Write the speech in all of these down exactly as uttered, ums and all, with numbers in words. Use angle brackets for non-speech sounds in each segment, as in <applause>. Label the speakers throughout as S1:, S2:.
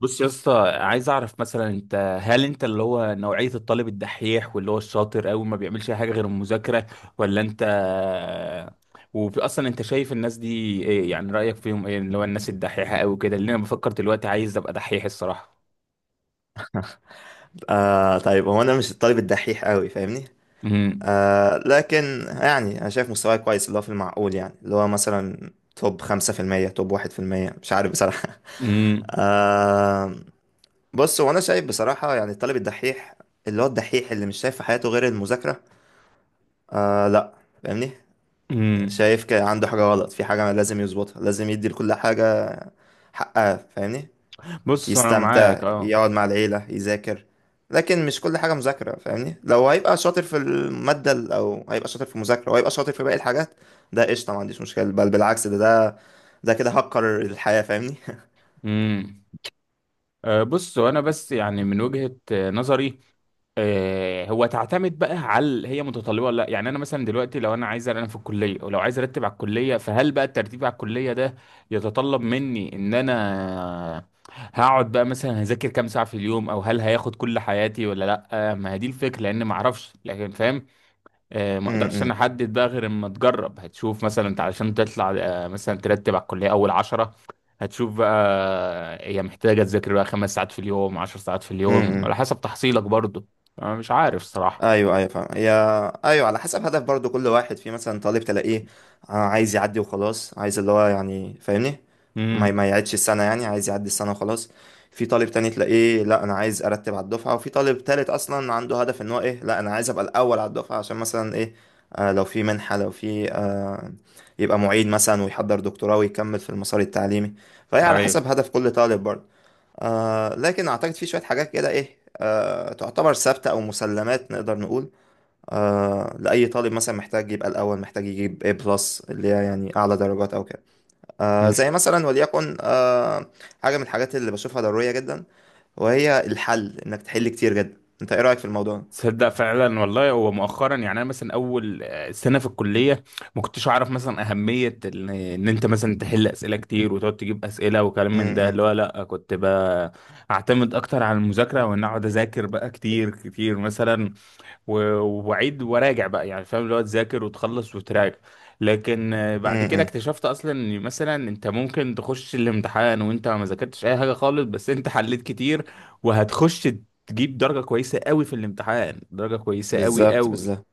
S1: بص يا اسطى، عايز اعرف مثلا انت هل انت اللي هو نوعية الطالب الدحيح واللي هو الشاطر قوي ما بيعملش اي حاجة غير المذاكرة ولا انت؟ واصلا انت شايف الناس دي، ايه يعني رأيك فيهم؟ ايه اللي هو الناس الدحيحة قوي كده؟ اللي انا بفكر دلوقتي عايز ابقى دحيح الصراحة.
S2: آه طيب، هو انا مش الطالب الدحيح قوي، فاهمني؟
S1: امم.
S2: آه لكن يعني انا شايف مستواي كويس، اللي هو في المعقول، يعني اللي هو مثلا توب خمسة في المية، توب واحد في المية، مش عارف بصراحة. <laughs>
S1: امم.
S2: آه. بص، هو انا شايف بصراحة يعني الطالب الدحيح، اللي هو الدحيح، اللي مش شايف في حياته غير المذاكرة. آه، لا. فاهمني؟
S1: امم.
S2: شايف كده عنده حاجة غلط، في حاجة لازم يظبطها، لازم يدي لكل حاجة حقها، فاهمني؟
S1: بص انا
S2: يستمتع،
S1: معاك، اه.
S2: يقعد مع العيلة، يذاكر، لكن مش كل حاجة مذاكرة، فاهمني؟ لو هيبقى شاطر في المادة ال- أو هيبقى شاطر في المذاكرة، وهيبقى شاطر في باقي الحاجات، ده قشطة، ما عنديش مشكلة، بل بالعكس، ده ده ده كده هكر الحياة، فاهمني؟
S1: امم. آه، بص وانا بس يعني من وجهة آه، نظري. آه، هو تعتمد بقى هل هي متطلبه ولا لا، يعني انا مثلا دلوقتي لو انا عايز، انا في الكليه ولو عايز ارتب على الكليه، فهل بقى الترتيب على الكليه ده يتطلب مني ان انا هقعد بقى مثلا هذاكر كام ساعه في اليوم، او هل هياخد كل حياتي ولا لا؟ آه، ما هي دي الفكره، لان ما اعرفش، لكن فاهم. آه،
S2: <laughs>
S1: ما
S2: م-
S1: اقدرش انا
S2: م-
S1: احدد بقى غير اما تجرب، هتشوف مثلا انت علشان تطلع آه، مثلا ترتب على الكليه اول عشرة، هتشوف بقى آه، هي محتاجه تذاكر بقى خمس ساعات في اليوم، عشر ساعات في
S2: م-
S1: اليوم، على
S2: م.
S1: حسب تحصيلك برضو. انا مش عارف صراحه.
S2: ايوه، ايوه، فاهم. هي، ايوه، على حسب هدف برضو كل واحد. في مثلا طالب تلاقيه آه، عايز يعدي وخلاص، عايز اللي هو يعني، فاهمني؟ ما
S1: امم.
S2: ما يعيدش السنه، يعني عايز يعدي السنه وخلاص. في طالب تاني تلاقيه لا انا عايز ارتب على الدفعه، وفي طالب تالت اصلا عنده هدف ان هو ايه، لا انا عايز ابقى الاول على الدفعه عشان مثلا ايه، آه لو في منحه، لو في آه يبقى معيد مثلا، ويحضر دكتوراه، ويكمل في المسار التعليمي. فهي على
S1: ايوه.
S2: حسب هدف كل طالب برضو. آه لكن أعتقد في شوية حاجات كده إيه، آه تعتبر ثابتة أو مسلمات نقدر نقول، آه لأي طالب مثلا، محتاج يبقى الأول، محتاج يجيب A بلس اللي هي يعني أعلى درجات أو كده. آه زي مثلا وليكن، آه حاجة من الحاجات اللي بشوفها ضرورية جدا، وهي الحل. إنك تحل كتير جدا. أنت إيه رأيك في الموضوع؟
S1: تصدق؟ فعلا والله، هو مؤخرا يعني انا مثلا اول آه، سنه في الكليه ما كنتش اعرف مثلا اهميه ال- ان انت مثلا تحل اسئله كتير، وتقعد تجيب اسئله وكلام من ده،
S2: امم.
S1: اللي هو لا، كنت بقى اعتمد اكتر على المذاكره، وان اقعد اذاكر بقى كتير كتير مثلا، و- واعيد وراجع بقى، يعني فاهم، اللي هو تذاكر وتخلص وتراجع. لكن آه، بعد كده
S2: امم.
S1: اكتشفت اصلا ان مثلا انت ممكن تخش الامتحان وانت ما ذاكرتش اي حاجه خالص، بس انت حليت كتير وهتخش تجيب درجه كويسه قوي في الامتحان، درجه كويسه قوي
S2: بالظبط،
S1: قوي.
S2: بالظبط.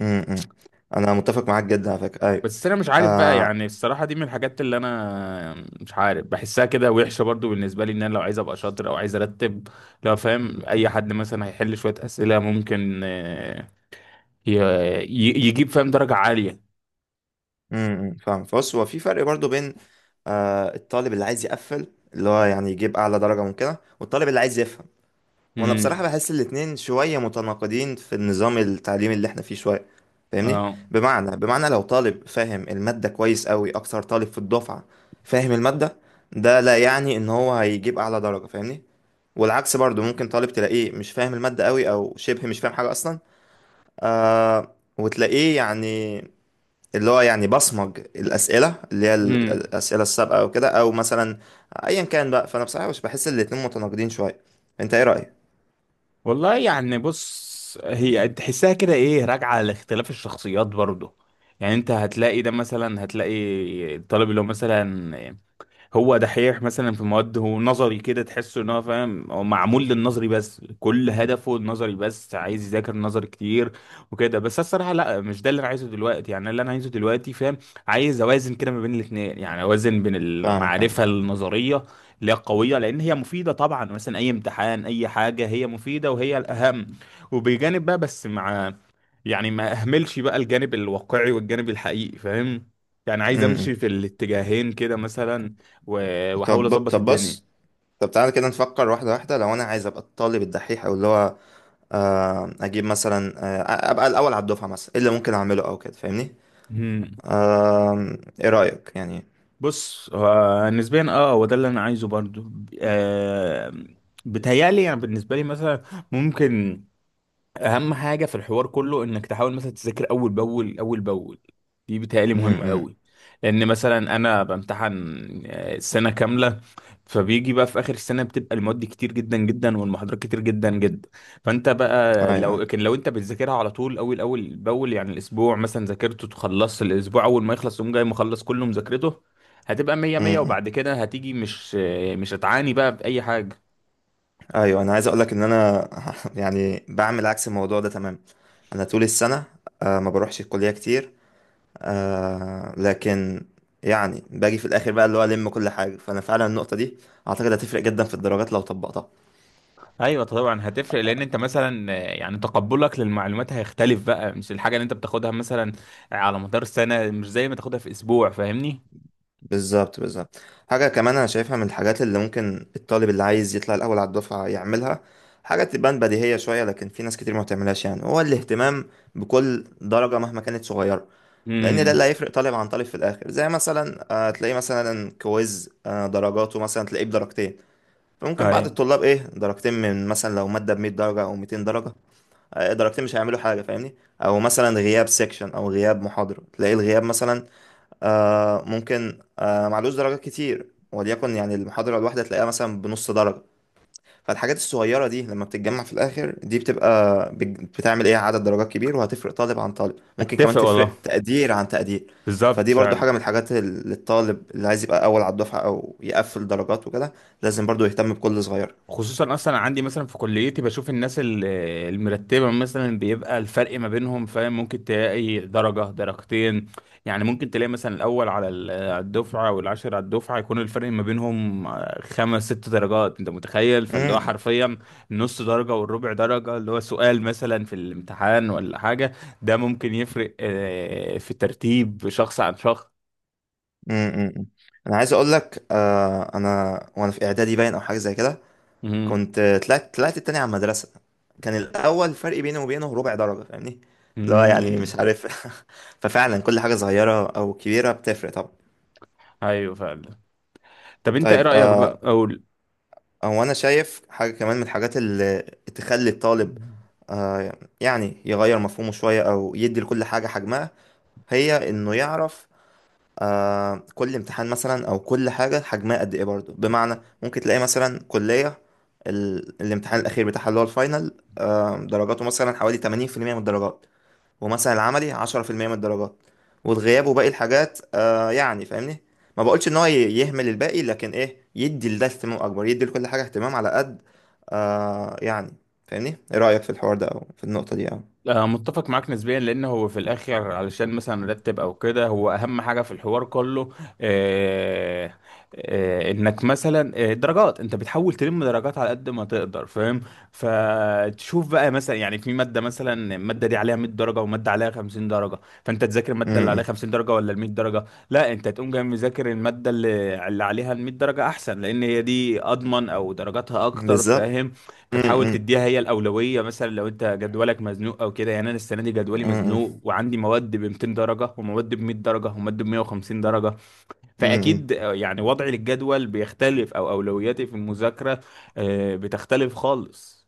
S2: امم. انا متفق معاك جدا على فكره، ايوه.
S1: بس انا مش عارف بقى،
S2: آه.
S1: يعني الصراحه دي من الحاجات اللي انا مش عارف، بحسها كده وحشه برضو بالنسبه لي ان انا لو عايز ابقى شاطر او عايز ارتب، لو فاهم اي حد مثلا هيحل شويه اسئله ممكن آه، ي- ي- يجيب فاهم درجه عاليه.
S2: امم، فاهم. بص، هو في فرق برضو بين آه الطالب اللي عايز يقفل، اللي هو يعني يجيب اعلى درجة ممكنة، والطالب اللي عايز يفهم. وانا بصراحة
S1: امم.
S2: بحس الاتنين شوية متناقضين في النظام التعليمي اللي احنا فيه شوية، فاهمني؟
S1: اه.
S2: بمعنى بمعنى لو طالب فاهم المادة كويس قوي، اكتر طالب في الدفعة فاهم المادة، ده لا يعني ان هو هيجيب اعلى درجة، فاهمني؟ والعكس برضو، ممكن طالب تلاقيه مش فاهم المادة قوي، او شبه مش فاهم حاجة اصلا. آه وتلاقيه يعني، اللي هو يعني بصمج الأسئلة، اللي هي ال-
S1: امم.
S2: الأسئلة السابقة أو كده، أو مثلا أيا كان بقى. فأنا بصراحة مش بحس الاتنين متناقضين شوية. أنت إيه رأيك؟
S1: والله يعني، بص، هي تحسها كده ايه راجعه لاختلاف الشخصيات برضه. يعني انت هتلاقي ده، مثلا هتلاقي الطالب اللي هو مثلا هو دحيح مثلا في مواد، هو نظري كده، تحسه ان هو فاهم، هو معمول للنظري بس، كل هدفه النظري بس، عايز يذاكر نظري كتير وكده. بس أنا الصراحه لا، مش ده اللي انا عايزه دلوقتي، يعني اللي انا عايزه دلوقتي، فاهم، عايز اوازن كده ما بين الاثنين، يعني اوازن بين
S2: فاهمك، فاهم.
S1: المعرفه النظريه اللي هي قويه لان هي مفيده طبعا، مثلا اي امتحان اي حاجه هي مفيده وهي الاهم، وبجانب بقى، بس مع، يعني ما اهملش بقى الجانب الواقعي والجانب الحقيقي، فاهم، يعني
S2: م-
S1: عايز
S2: م.
S1: امشي في الاتجاهين كده مثلا. و- واحاول
S2: طب،
S1: اظبط
S2: طب
S1: الدنيا.
S2: بص. طب تعالى كده نفكر واحدة واحدة. لو أنا عايز أبقى الطالب الدحيح، أو اللي هو آه، أجيب مثلا، آه، أبقى الأول على الدفعة مثلا، إيه اللي ممكن أعمله أو كده، فاهمني؟
S1: مم.
S2: آم، إيه رأيك يعني؟
S1: بص هو نسبيا، اه، هو ده اللي انا عايزه برضو. آه بتهيألي يعني بالنسبه لي مثلا ممكن اهم حاجه في الحوار كله انك تحاول مثلا تذاكر اول باول اول باول، دي بتهيألي
S2: م-
S1: مهمه
S2: م.
S1: قوي. لان مثلا انا بامتحن آه، سنه كامله، فبيجي بقى في اخر السنه بتبقى المواد كتير جدا جدا والمحاضرات كتير جدا جدا، فانت بقى
S2: أيوه،
S1: لو
S2: أيوه.
S1: لكن لو انت بتذاكرها على طول اول اول باول، يعني الاسبوع مثلا ذاكرته تخلص، الاسبوع اول ما يخلص تقوم جاي مخلص كله مذاكرته، هتبقى مية
S2: م-
S1: مية.
S2: م.
S1: وبعد كده هتيجي مش آه، مش هتعاني بقى بأي حاجة.
S2: أيوه، أنا عايز أقولك إن أنا <laughs> يعني بعمل عكس الموضوع ده تماما. انا طول السنه آه، ما بروحش الكليه كتير، آه، لكن يعني باجي في الاخر بقى اللي هو الم كل حاجه. فانا فعلا النقطه دي اعتقد هتفرق جدا في الدرجات لو طبقتها.
S1: ايوه طبعا هتفرق، لان انت مثلا آه، يعني تقبلك للمعلومات هيختلف بقى، مش الحاجه اللي انت بتاخدها مثلا على مدار السنه مش زي ما تاخدها في اسبوع، فاهمني.
S2: بالظبط، بالظبط. حاجه كمان انا شايفها من الحاجات اللي ممكن الطالب اللي عايز يطلع الاول على الدفعه يعملها، حاجه تبان بديهيه شويه لكن في ناس كتير ما بتعملهاش، يعني هو الاهتمام بكل درجه مهما كانت صغيره، لان ده
S1: امم.
S2: اللي هيفرق طالب عن طالب في الاخر. زي مثلا آه، تلاقيه مثلا كويز، آه، درجاته مثلا تلاقيه بدرجتين، فممكن بعض
S1: ايوه.
S2: الطلاب ايه، درجتين من مثلا لو مادة ب مية درجة او ميتين درجة، آه، درجتين مش هيعملوا حاجة، فاهمني؟ او مثلا غياب سيكشن، او غياب محاضرة، تلاقي الغياب مثلا آه ممكن آه معلوش درجات كتير، وليكن يعني المحاضرة الواحدة تلاقيها مثلا بنص درجة. فالحاجات الصغيرة دي لما بتتجمع في الاخر، دي بتبقى بت- بتعمل ايه، عدد درجات كبير، وهتفرق طالب عن طالب، ممكن
S1: اتفق
S2: كمان
S1: والله.
S2: تفرق تقدير عن تقدير.
S1: بالظبط
S2: فدي برضو حاجة
S1: فعلا.
S2: من الحاجات اللي الطالب اللي عايز يبقى اول على الدفعة او يقفل درجات وكده لازم برضو يهتم بكل صغير.
S1: خصوصا اصلا عندي مثلا في كليتي بشوف الناس ال- المرتبه، مثلا بيبقى الفرق ما بينهم، فاهم، ممكن تلاقي درجه درجتين. يعني ممكن تلاقي مثلا الاول على ال- على الدفعه والعاشر على الدفعه يكون الفرق ما بينهم خمس ست درجات. انت متخيل؟ فاللي هو
S2: امم.
S1: حرفيا النص درجه والربع درجه، اللي هو سؤال مثلا في الامتحان ولا حاجه، ده ممكن يفرق آه، في ترتيب شخص عن شخص.
S2: امم. امم، امم. انا عايز اقول لك، آه انا وانا في اعدادي، باين او حاجه زي كده،
S1: امم.
S2: كنت طلعت طلعت التاني على المدرسه، كان الاول فرق بيني وبينه ربع درجه، فاهمني؟ لا يعني مش
S1: امم.
S2: عارف. <laughs> ففعلا كل حاجه صغيره او كبيره بتفرق طبعا.
S1: ايوه فعلا. طب انت ايه
S2: طيب،
S1: رايك بقى؟
S2: آه هو انا شايف حاجه كمان من الحاجات اللي تخلي الطالب
S1: اقول.
S2: آه يعني يغير مفهومه شويه، او يدي لكل حاجه حجمها، هي انه يعرف آه كل امتحان مثلا، او كل حاجه حجمها قد ايه برضو. بمعنى ممكن تلاقي مثلا كليه، ال... الامتحان الاخير بتاعها اللي هو الفاينل آه درجاته مثلا حوالي ثمانين في المية من الدرجات، ومثلا العملي عشرة في المية من الدرجات، والغياب وباقي الحاجات، آه يعني فاهمني؟ ما بقولش ان هو ي- يهمل الباقي، لكن ايه، يدي لده اهتمام اكبر، يدي لكل حاجه اهتمام على قد آه يعني، فاهمني؟ ايه رايك في الحوار ده او في النقطه دي، او
S1: آه، متفق معاك نسبيا، لان هو في الاخر علشان مثلا نرتب او كده، هو اهم حاجه في الحوار كله، آه آه انك مثلا آه، درجات انت بتحاول تلم درجات على قد ما تقدر، فاهم. فتشوف بقى مثلا، يعني في ماده مثلا الماده دي عليها مائة درجه وماده عليها خمسين درجه، فانت تذاكر
S2: م-
S1: الماده اللي عليها
S2: م.
S1: خمسين درجه ولا ال مائة درجه؟ لا، انت تقوم جاي مذاكر الماده اللي, اللي عليها ال مائة درجه احسن، لان هي دي اضمن او درجاتها اكتر،
S2: بالظبط.
S1: فاهم.
S2: م-
S1: فتحاول
S2: م.
S1: تديها هي الأولوية، مثلا لو أنت جدولك مزنوق أو كده. يعني أنا السنة دي
S2: م-
S1: جدولي
S2: م.
S1: مزنوق وعندي مواد ب ميتين درجة ومواد ب مائة درجة ومواد ب مية وخمسين درجة،
S2: م- م.
S1: فأكيد آه، يعني وضعي للجدول بيختلف أو أولوياتي في المذاكرة آه، بتختلف خالص.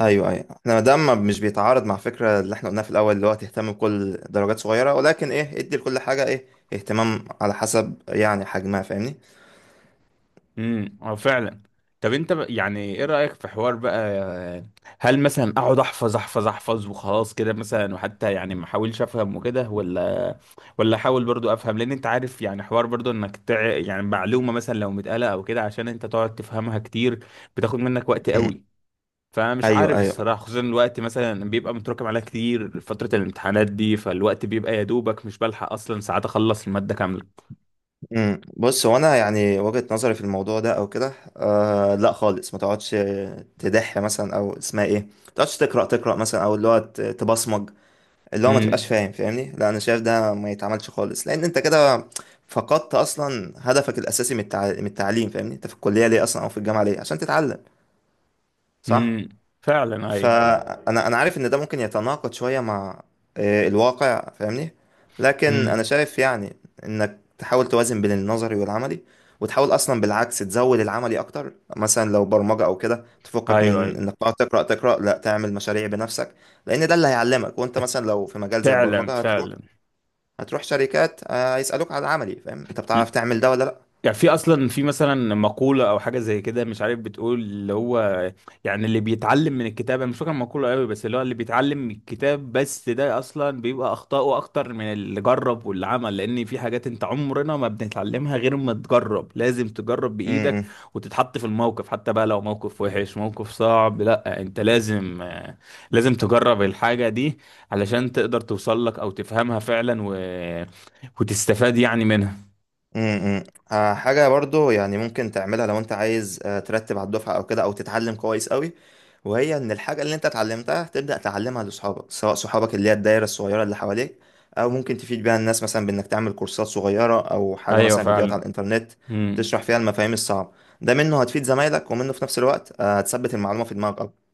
S2: ايوه، ايوه. احنا ما دام ما- مش بيتعارض مع فكره اللي احنا قلناها في الاول، اللي هو تهتم بكل درجات صغيره، ولكن ايه ادي لكل حاجه ايه اهتمام على حسب يعني حجمها، فاهمني؟
S1: امم. اه فعلا. طب انت ب- يعني ايه رأيك في حوار بقى، هل مثلا اقعد احفظ احفظ احفظ وخلاص كده مثلا، وحتى يعني ما احاولش افهم وكده، ولا ولا احاول برضو افهم، لان انت عارف يعني حوار برضو انك تع... يعني معلومة مثلا لو متقالة او كده عشان انت تقعد تفهمها كتير بتاخد منك وقت
S2: امم،
S1: قوي. فمش
S2: ايوه،
S1: عارف
S2: ايوه.
S1: الصراحة، خصوصا الوقت مثلا بيبقى متراكم عليها كتير، فترة الامتحانات دي فالوقت بيبقى يا دوبك مش بلحق اصلا ساعات اخلص المادة كاملة.
S2: امم، بص هو انا يعني وجهه نظري في الموضوع ده او كده، آه لا خالص، ما تقعدش تدح مثلا، او اسمها ايه، ما تقعدش تقرا تقرا مثلا، او اللي هو ت- تبصمج، اللي هو ما
S1: امم.
S2: تبقاش فاهم، فاهمني؟ لا، انا شايف ده ما يتعملش خالص، لان انت كده فقدت اصلا هدفك الاساسي من التع- من التعليم، فاهمني؟ انت في الكليه ليه اصلا، او في الجامعه ليه؟ عشان تتعلم. صح.
S1: امم. فعلا اي.
S2: فانا، انا عارف ان ده ممكن يتناقض شويه مع آه، الواقع، فاهمني؟ لكن انا
S1: امم.
S2: شايف يعني، انك تحاول توازن بين النظري والعملي، وتحاول اصلا بالعكس تزود العملي اكتر، مثلا لو برمجه او كده، تفكك
S1: ايوه
S2: من
S1: ايوه.
S2: انك تقعد تقرا تقرا، لا، تعمل مشاريع بنفسك، لان ده اللي هيعلمك. وانت مثلا لو في مجال زي
S1: فعلا
S2: البرمجه هتروح،
S1: فعلا.
S2: هتروح شركات، آه، هيسالوك على العملي، فاهم؟ انت بتعرف تعمل ده ولا لا؟
S1: يعني في اصلا في مثلا مقولة او حاجة زي كده مش عارف، بتقول اللي هو، يعني اللي بيتعلم من الكتاب، انا مش فاكر المقولة قوي، بس اللي هو اللي بيتعلم من الكتاب بس ده اصلا بيبقى اخطائه اكتر من اللي جرب واللي عمل، لان في حاجات انت عمرنا ما بنتعلمها غير ما تجرب، لازم تجرب
S2: م-
S1: بايدك
S2: م.
S1: وتتحط في الموقف، حتى بقى لو موقف وحش موقف صعب، لا انت لازم آه، لازم تجرب الحاجة دي علشان تقدر توصل لك او تفهمها فعلا، و... وتستفاد يعني منها.
S2: امم، امم. آه، حاجة برضو يعني ممكن تعملها لو انت عايز آه، ترتب على الدفعة او كده، او تتعلم كويس قوي، وهي ان الحاجة اللي انت اتعلمتها تبدأ تعلمها لصحابك، سواء صحابك اللي هي الدايرة الصغيرة اللي حواليك، او ممكن تفيد بيها الناس مثلا بانك تعمل كورسات صغيرة، او حاجة
S1: ايوه
S2: مثلا فيديوهات على
S1: فعلا.
S2: الانترنت،
S1: مم.
S2: تشرح فيها المفاهيم الصعبة. ده منه هتفيد زمايلك، ومنه في نفس الوقت آه، هتثبت المعلومة في دماغك.